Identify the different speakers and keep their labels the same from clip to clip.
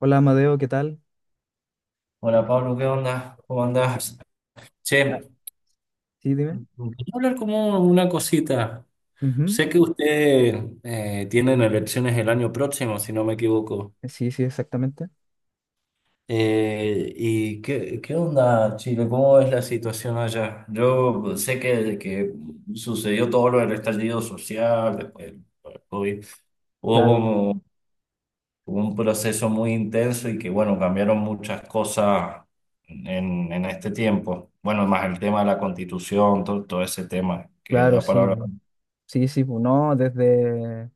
Speaker 1: Hola Amadeo, ¿qué tal?
Speaker 2: Hola Pablo, ¿qué onda? ¿Cómo andás? Che,
Speaker 1: Ah, sí, dime.
Speaker 2: quería hablar como una cosita.
Speaker 1: Ujú.
Speaker 2: Sé que usted tienen elecciones el año próximo, si no me equivoco.
Speaker 1: Sí, sí, exactamente.
Speaker 2: ¿Y qué onda, Chile? ¿Cómo es la situación allá? Yo sé que sucedió todo lo del estallido social, después del COVID. Hubo
Speaker 1: Claro,
Speaker 2: como Hubo un proceso muy intenso y que, bueno, cambiaron muchas cosas en este tiempo. Bueno, más el tema de la constitución, todo ese tema que
Speaker 1: claro,
Speaker 2: da para
Speaker 1: sí.
Speaker 2: hablar.
Speaker 1: bu. Sí, sí, no,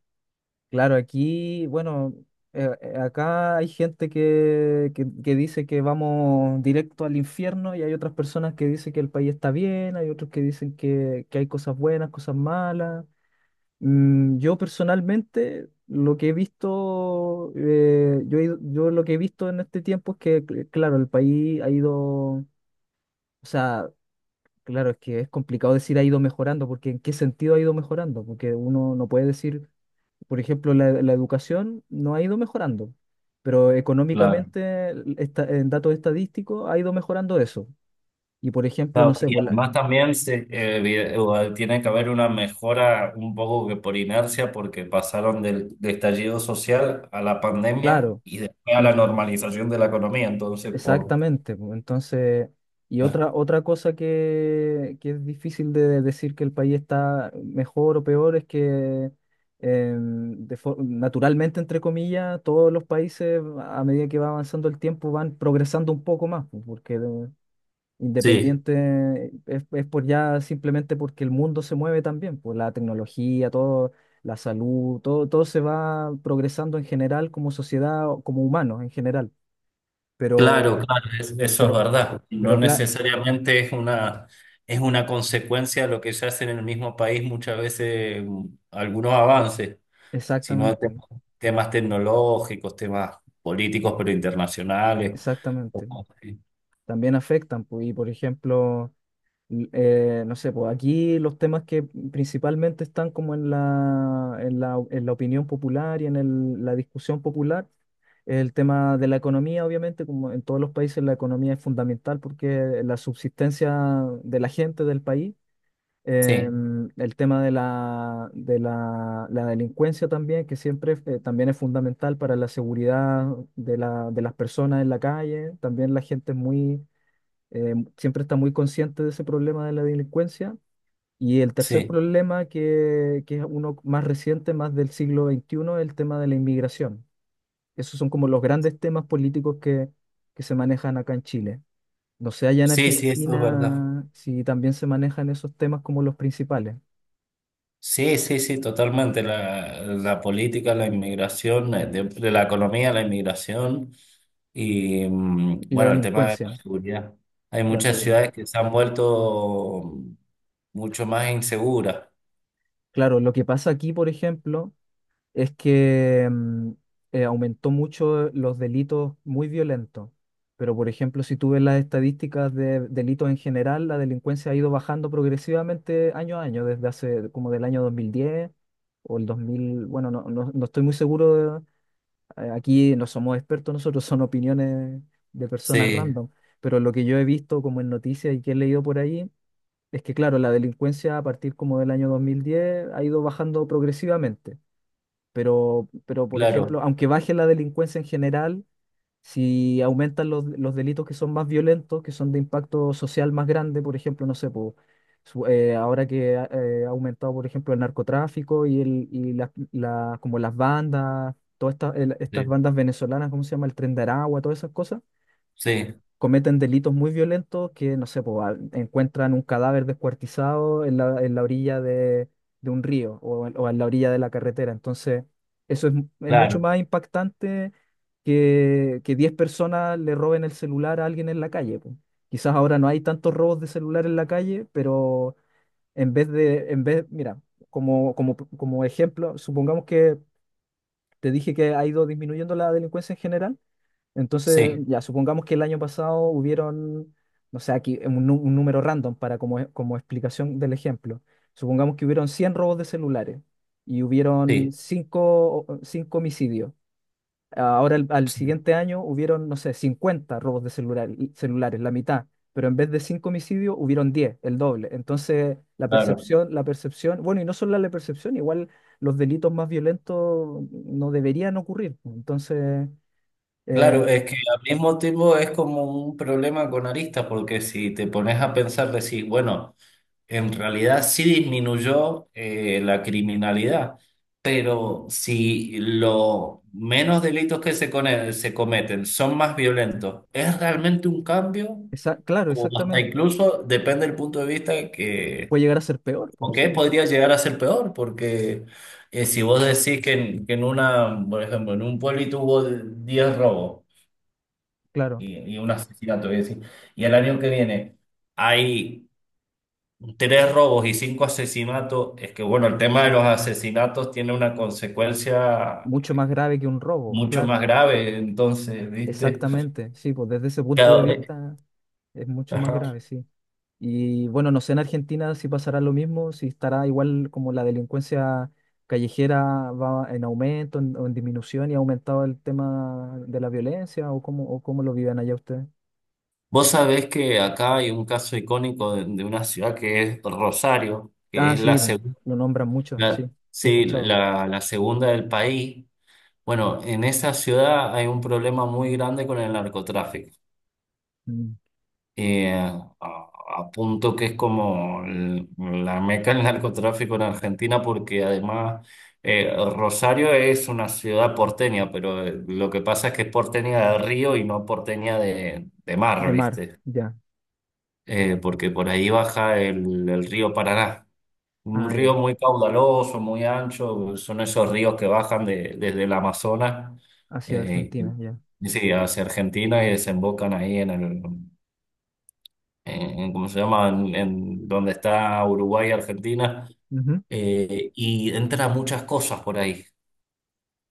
Speaker 1: claro, aquí, bueno, acá hay gente que dice que vamos directo al infierno, y hay otras personas que dicen que el país está bien, hay otros que dicen que hay cosas buenas, cosas malas. Yo personalmente, lo que he visto, yo, yo lo que he visto en este tiempo es que, claro, el país ha ido. O sea, claro, es que es complicado decir ha ido mejorando, porque ¿en qué sentido ha ido mejorando? Porque uno no puede decir, por ejemplo, la educación no ha ido mejorando, pero
Speaker 2: Claro.
Speaker 1: económicamente, en datos estadísticos, ha ido mejorando eso. Y por ejemplo, no
Speaker 2: Claro,
Speaker 1: sé,
Speaker 2: y además también tiene que haber una mejora un poco que por inercia, porque pasaron del estallido social a la pandemia
Speaker 1: claro.
Speaker 2: y después a la normalización de la economía. Entonces, por...
Speaker 1: Exactamente, pues, entonces, otra cosa que es difícil de decir que el país está mejor o peor es que, naturalmente, entre comillas, todos los países a medida que va avanzando el tiempo van progresando un poco más, pues,
Speaker 2: Sí.
Speaker 1: independiente es por ya, simplemente porque el mundo se mueve también, pues la tecnología, todo, la salud, todo, todo se va progresando en general, como sociedad o como humanos en general, pero...
Speaker 2: Claro, claro, eso es
Speaker 1: Pero
Speaker 2: verdad. No
Speaker 1: pero claro,
Speaker 2: necesariamente es una consecuencia de lo que se hace en el mismo país muchas veces algunos avances, sino de
Speaker 1: exactamente,
Speaker 2: temas tecnológicos, temas políticos, pero internacionales. O
Speaker 1: exactamente.
Speaker 2: cosas así.
Speaker 1: También afectan, pues, y por ejemplo, no sé, pues aquí los temas que principalmente están como en la opinión popular y en la discusión popular, el tema de la economía, obviamente, como en todos los países la economía es fundamental porque la subsistencia de la gente del país.
Speaker 2: Sí,
Speaker 1: El tema de la delincuencia también, que siempre, también es fundamental para la seguridad de las personas en la calle. También la gente es muy, siempre está muy consciente de ese problema de la delincuencia. Y el tercer
Speaker 2: sí,
Speaker 1: problema, que es uno más reciente, más del siglo XXI, es el tema de la inmigración. Esos son como los grandes temas políticos que se manejan acá en Chile. No sé, allá en
Speaker 2: sí, eso es verdad.
Speaker 1: Argentina, si también se manejan esos temas como los principales.
Speaker 2: Sí, sí, sí, totalmente. La política, la inmigración, de la economía, la inmigración
Speaker 1: Y la
Speaker 2: bueno, el tema de la
Speaker 1: delincuencia,
Speaker 2: seguridad. Hay
Speaker 1: la
Speaker 2: muchas
Speaker 1: seguridad.
Speaker 2: ciudades que se han vuelto mucho más inseguras.
Speaker 1: Claro, lo que pasa aquí, por ejemplo, es que, aumentó mucho los delitos muy violentos, pero por ejemplo, si tú ves las estadísticas de delitos en general, la delincuencia ha ido bajando progresivamente año a año, desde hace como del año 2010 o el 2000 bueno, no, no, no estoy muy seguro. Aquí no somos expertos nosotros, son opiniones de personas
Speaker 2: Sí,
Speaker 1: random, pero lo que yo he visto como en noticias y que he leído por ahí, es que claro, la delincuencia a partir como del año 2010 ha ido bajando progresivamente, pero por
Speaker 2: claro,
Speaker 1: ejemplo, aunque baje la delincuencia en general, si aumentan los delitos que son más violentos, que son de impacto social más grande. Por ejemplo, no sé, po, ahora que ha, ha aumentado, por ejemplo, el narcotráfico y, el, y la- la- como las bandas, todas estas, estas
Speaker 2: sí,
Speaker 1: bandas venezolanas, ¿cómo se llama? El Tren de Aragua, todas esas cosas
Speaker 2: sí,
Speaker 1: cometen delitos muy violentos que, no sé, po, encuentran un cadáver descuartizado en la orilla de un río, o en la orilla de la carretera. Entonces, eso es, es mucho
Speaker 2: claro,
Speaker 1: más impactante que 10 personas le roben el celular a alguien en la calle, po. Quizás ahora no hay tantos robos de celular en la calle, pero en vez de, mira, como ejemplo, supongamos que te dije que ha ido disminuyendo la delincuencia en general. Entonces,
Speaker 2: sí,
Speaker 1: ya supongamos que el año pasado hubieron, no sé, aquí un número random para como, como explicación del ejemplo. Supongamos que hubieron 100 robos de celulares y hubieron
Speaker 2: sí,
Speaker 1: 5 homicidios. Ahora, al
Speaker 2: sí,
Speaker 1: siguiente año hubieron, no sé, 50 robos de celulares, la mitad. Pero en vez de 5 homicidios, hubieron 10, el doble. Entonces, la
Speaker 2: claro.
Speaker 1: percepción, bueno, y no solo la percepción, igual los delitos más violentos no deberían ocurrir, pues. Entonces...
Speaker 2: Claro,
Speaker 1: eh,
Speaker 2: es que al mismo tiempo es como un problema con aristas, porque si te pones a pensar, decís, bueno. En realidad sí disminuyó la criminalidad, pero si los menos delitos que se cometen son más violentos, ¿es realmente un cambio?
Speaker 1: Claro,
Speaker 2: O hasta
Speaker 1: exactamente.
Speaker 2: incluso, depende del punto de vista que,
Speaker 1: Puede llegar a ser peor,
Speaker 2: o
Speaker 1: pues
Speaker 2: que
Speaker 1: sí,
Speaker 2: podría llegar a ser peor, porque si vos decís que en una, por ejemplo, en un pueblito hubo 10 robos
Speaker 1: claro.
Speaker 2: y un asesinato, voy a decir, y el año que viene hay 3 robos y 5 asesinatos. Es que, bueno, el tema de los asesinatos tiene una consecuencia
Speaker 1: Mucho más grave que un robo,
Speaker 2: mucho más
Speaker 1: claro.
Speaker 2: grave, entonces, ¿viste?
Speaker 1: Exactamente, sí, pues desde ese punto de
Speaker 2: Cada- eh,
Speaker 1: vista es mucho más
Speaker 2: ajá.
Speaker 1: grave, sí. Y bueno, no sé en Argentina si pasará lo mismo, si estará igual, como la delincuencia callejera va en aumento o en disminución, y ha aumentado el tema de la violencia, o cómo lo viven allá ustedes.
Speaker 2: Vos sabés que acá hay un caso icónico de una ciudad que es Rosario, que
Speaker 1: Ah,
Speaker 2: es la
Speaker 1: sí, pues,
Speaker 2: segunda,
Speaker 1: lo nombran mucho, sí, sí he
Speaker 2: sí,
Speaker 1: escuchado.
Speaker 2: la segunda del país. Bueno, en esa ciudad hay un problema muy grande con el narcotráfico.
Speaker 1: Mm.
Speaker 2: eh, a, a punto que es como la meca del narcotráfico en Argentina, porque además Rosario es una ciudad porteña, pero lo que pasa es que es porteña de río y no porteña de mar,
Speaker 1: De mar,
Speaker 2: ¿viste?
Speaker 1: ya.
Speaker 2: Porque por ahí baja el río Paraná. Un
Speaker 1: Ah,
Speaker 2: río
Speaker 1: ya.
Speaker 2: muy caudaloso, muy ancho, son esos ríos que bajan desde el Amazonas,
Speaker 1: Hacia
Speaker 2: eh,
Speaker 1: Argentina,
Speaker 2: y-
Speaker 1: ya.
Speaker 2: y sí, hacia Argentina y desembocan ahí en ¿cómo se llama? En donde está Uruguay y Argentina.
Speaker 1: Ujú.
Speaker 2: Y entra muchas cosas por ahí.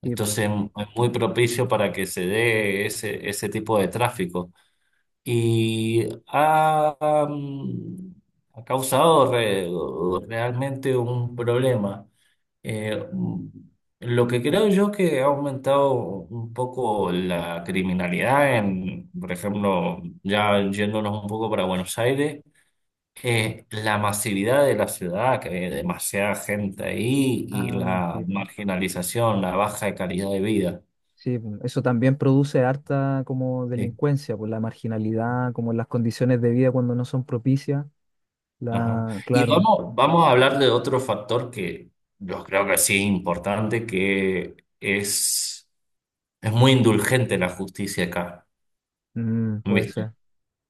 Speaker 1: Sí, po.
Speaker 2: Entonces es muy propicio para que se dé ese tipo de tráfico. Y ha, ha causado realmente un problema. Eh, mm, lo que creo yo que ha aumentado un poco la criminalidad en, por ejemplo, ya yéndonos un poco para Buenos Aires, la masividad de la ciudad, que hay demasiada gente ahí y
Speaker 1: Ah,
Speaker 2: la
Speaker 1: sí, po.
Speaker 2: marginalización, la baja de calidad de vida.
Speaker 1: Sí, po. Eso también produce harta como
Speaker 2: Sí.
Speaker 1: delincuencia, por la marginalidad, como las condiciones de vida cuando no son propicias.
Speaker 2: Ajá. Y
Speaker 1: Claro.
Speaker 2: vamos a hablar de otro factor que yo creo que sí es importante, que es muy indulgente la justicia acá.
Speaker 1: Puede
Speaker 2: ¿Viste?
Speaker 1: ser.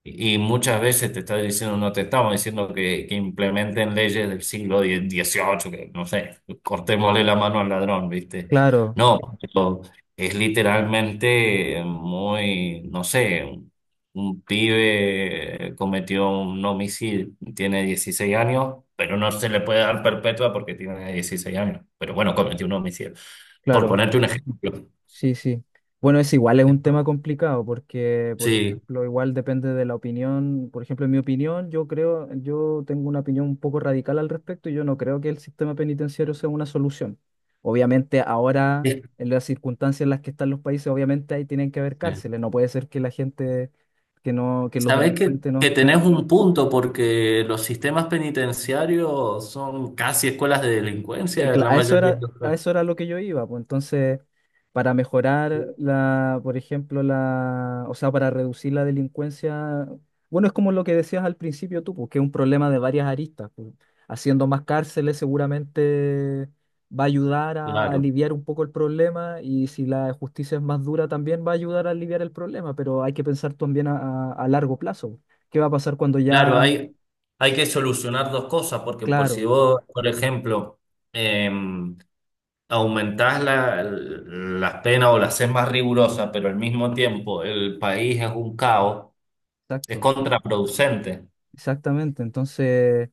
Speaker 2: Y muchas veces te está diciendo, no te estamos diciendo que implementen leyes del siglo XVIII, que no sé, cortémosle la mano al ladrón, ¿viste?
Speaker 1: Claro,
Speaker 2: No, pero es literalmente muy, no sé, un pibe cometió un homicidio, tiene 16 años, pero no se le puede dar perpetua porque tiene 16 años. Pero bueno, cometió un homicidio. Por
Speaker 1: claro.
Speaker 2: ponerte un ejemplo.
Speaker 1: Sí, sí. Bueno, es igual, es un tema complicado porque, por
Speaker 2: Sí.
Speaker 1: ejemplo, igual depende de la opinión. Por ejemplo, en mi opinión, yo creo, yo tengo una opinión un poco radical al respecto, y yo no creo que el sistema penitenciario sea una solución. Obviamente, ahora,
Speaker 2: Sí.
Speaker 1: en las circunstancias en las que están los países, obviamente ahí tienen que haber cárceles. No puede ser que la gente, que los
Speaker 2: Sabes
Speaker 1: delincuentes no
Speaker 2: que tenés
Speaker 1: estén.
Speaker 2: un punto porque los sistemas penitenciarios son casi escuelas de delincuencia en la mayoría de los
Speaker 1: A
Speaker 2: casos.
Speaker 1: eso era lo que yo iba, pues entonces, para mejorar la, por ejemplo, la, o sea, para reducir la delincuencia, bueno, es como lo que decías al principio tú, pues que es un problema de varias aristas, pues, haciendo más cárceles seguramente va a ayudar a
Speaker 2: Claro,
Speaker 1: aliviar un poco el problema, y si la justicia es más dura también va a ayudar a aliviar el problema. Pero hay que pensar también a, a largo plazo, ¿qué va a pasar cuando
Speaker 2: claro,
Speaker 1: ya,
Speaker 2: hay que solucionar dos cosas porque por si
Speaker 1: claro,
Speaker 2: vos, por ejemplo, eh, aumentás la, las penas o las haces más rigurosas, pero al mismo tiempo el país es un caos, es
Speaker 1: exacto,
Speaker 2: contraproducente.
Speaker 1: exactamente, entonces...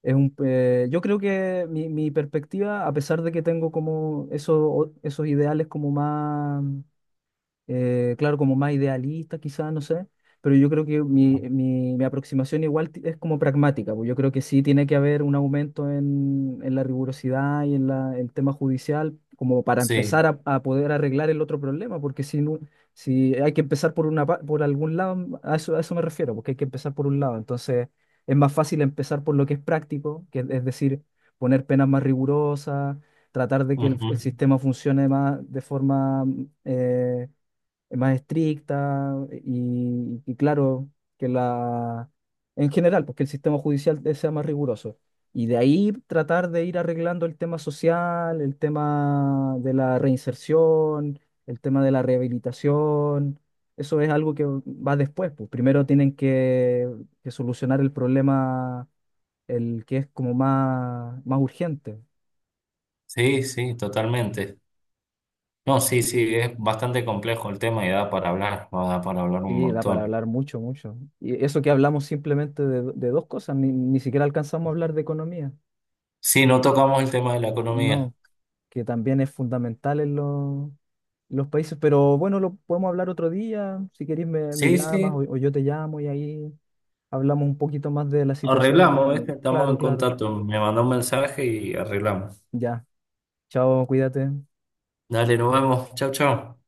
Speaker 1: Es un, yo creo que mi perspectiva, a pesar de que tengo como esos, esos ideales como más, claro, como más idealista quizás, no sé, pero yo creo que mi aproximación igual es como pragmática, pues yo creo que sí tiene que haber un aumento en la rigurosidad y en el tema judicial, como para
Speaker 2: Sí,
Speaker 1: empezar a poder arreglar el otro problema, porque si, no, si hay que empezar por, una, por algún lado, a eso me refiero, porque hay que empezar por un lado. Entonces, es más fácil empezar por lo que es práctico, que es decir, poner penas más rigurosas, tratar de que
Speaker 2: ujú.
Speaker 1: el sistema funcione más de forma, eh, más estricta. Y claro, que la, en general, pues que el sistema judicial sea más riguroso. Y de ahí tratar de ir arreglando el tema social, el tema de la reinserción, el tema de la rehabilitación. Eso es algo que va después, pues primero tienen que solucionar el problema, el que es como más, más urgente.
Speaker 2: Sí, sí, totalmente. No, sí, sí, es bastante complejo el tema y da para hablar un
Speaker 1: Sí, da para
Speaker 2: montón.
Speaker 1: hablar mucho, mucho. Y eso que hablamos simplemente de dos cosas, ni, ni siquiera alcanzamos a hablar de economía.
Speaker 2: Sí, no tocamos el tema de la economía.
Speaker 1: No, que también es fundamental en los países, pero bueno, lo podemos hablar otro día. Si querés me, me
Speaker 2: Sí,
Speaker 1: llamas
Speaker 2: sí,
Speaker 1: o yo te llamo y ahí hablamos un poquito más de la situación
Speaker 2: arreglamos,
Speaker 1: económica.
Speaker 2: ¿viste? Estamos en
Speaker 1: Claro, claro.
Speaker 2: contacto. Me mandó un mensaje y arreglamos.
Speaker 1: Ya. Chao, cuídate.
Speaker 2: Dale, nos vemos. Chau, chau.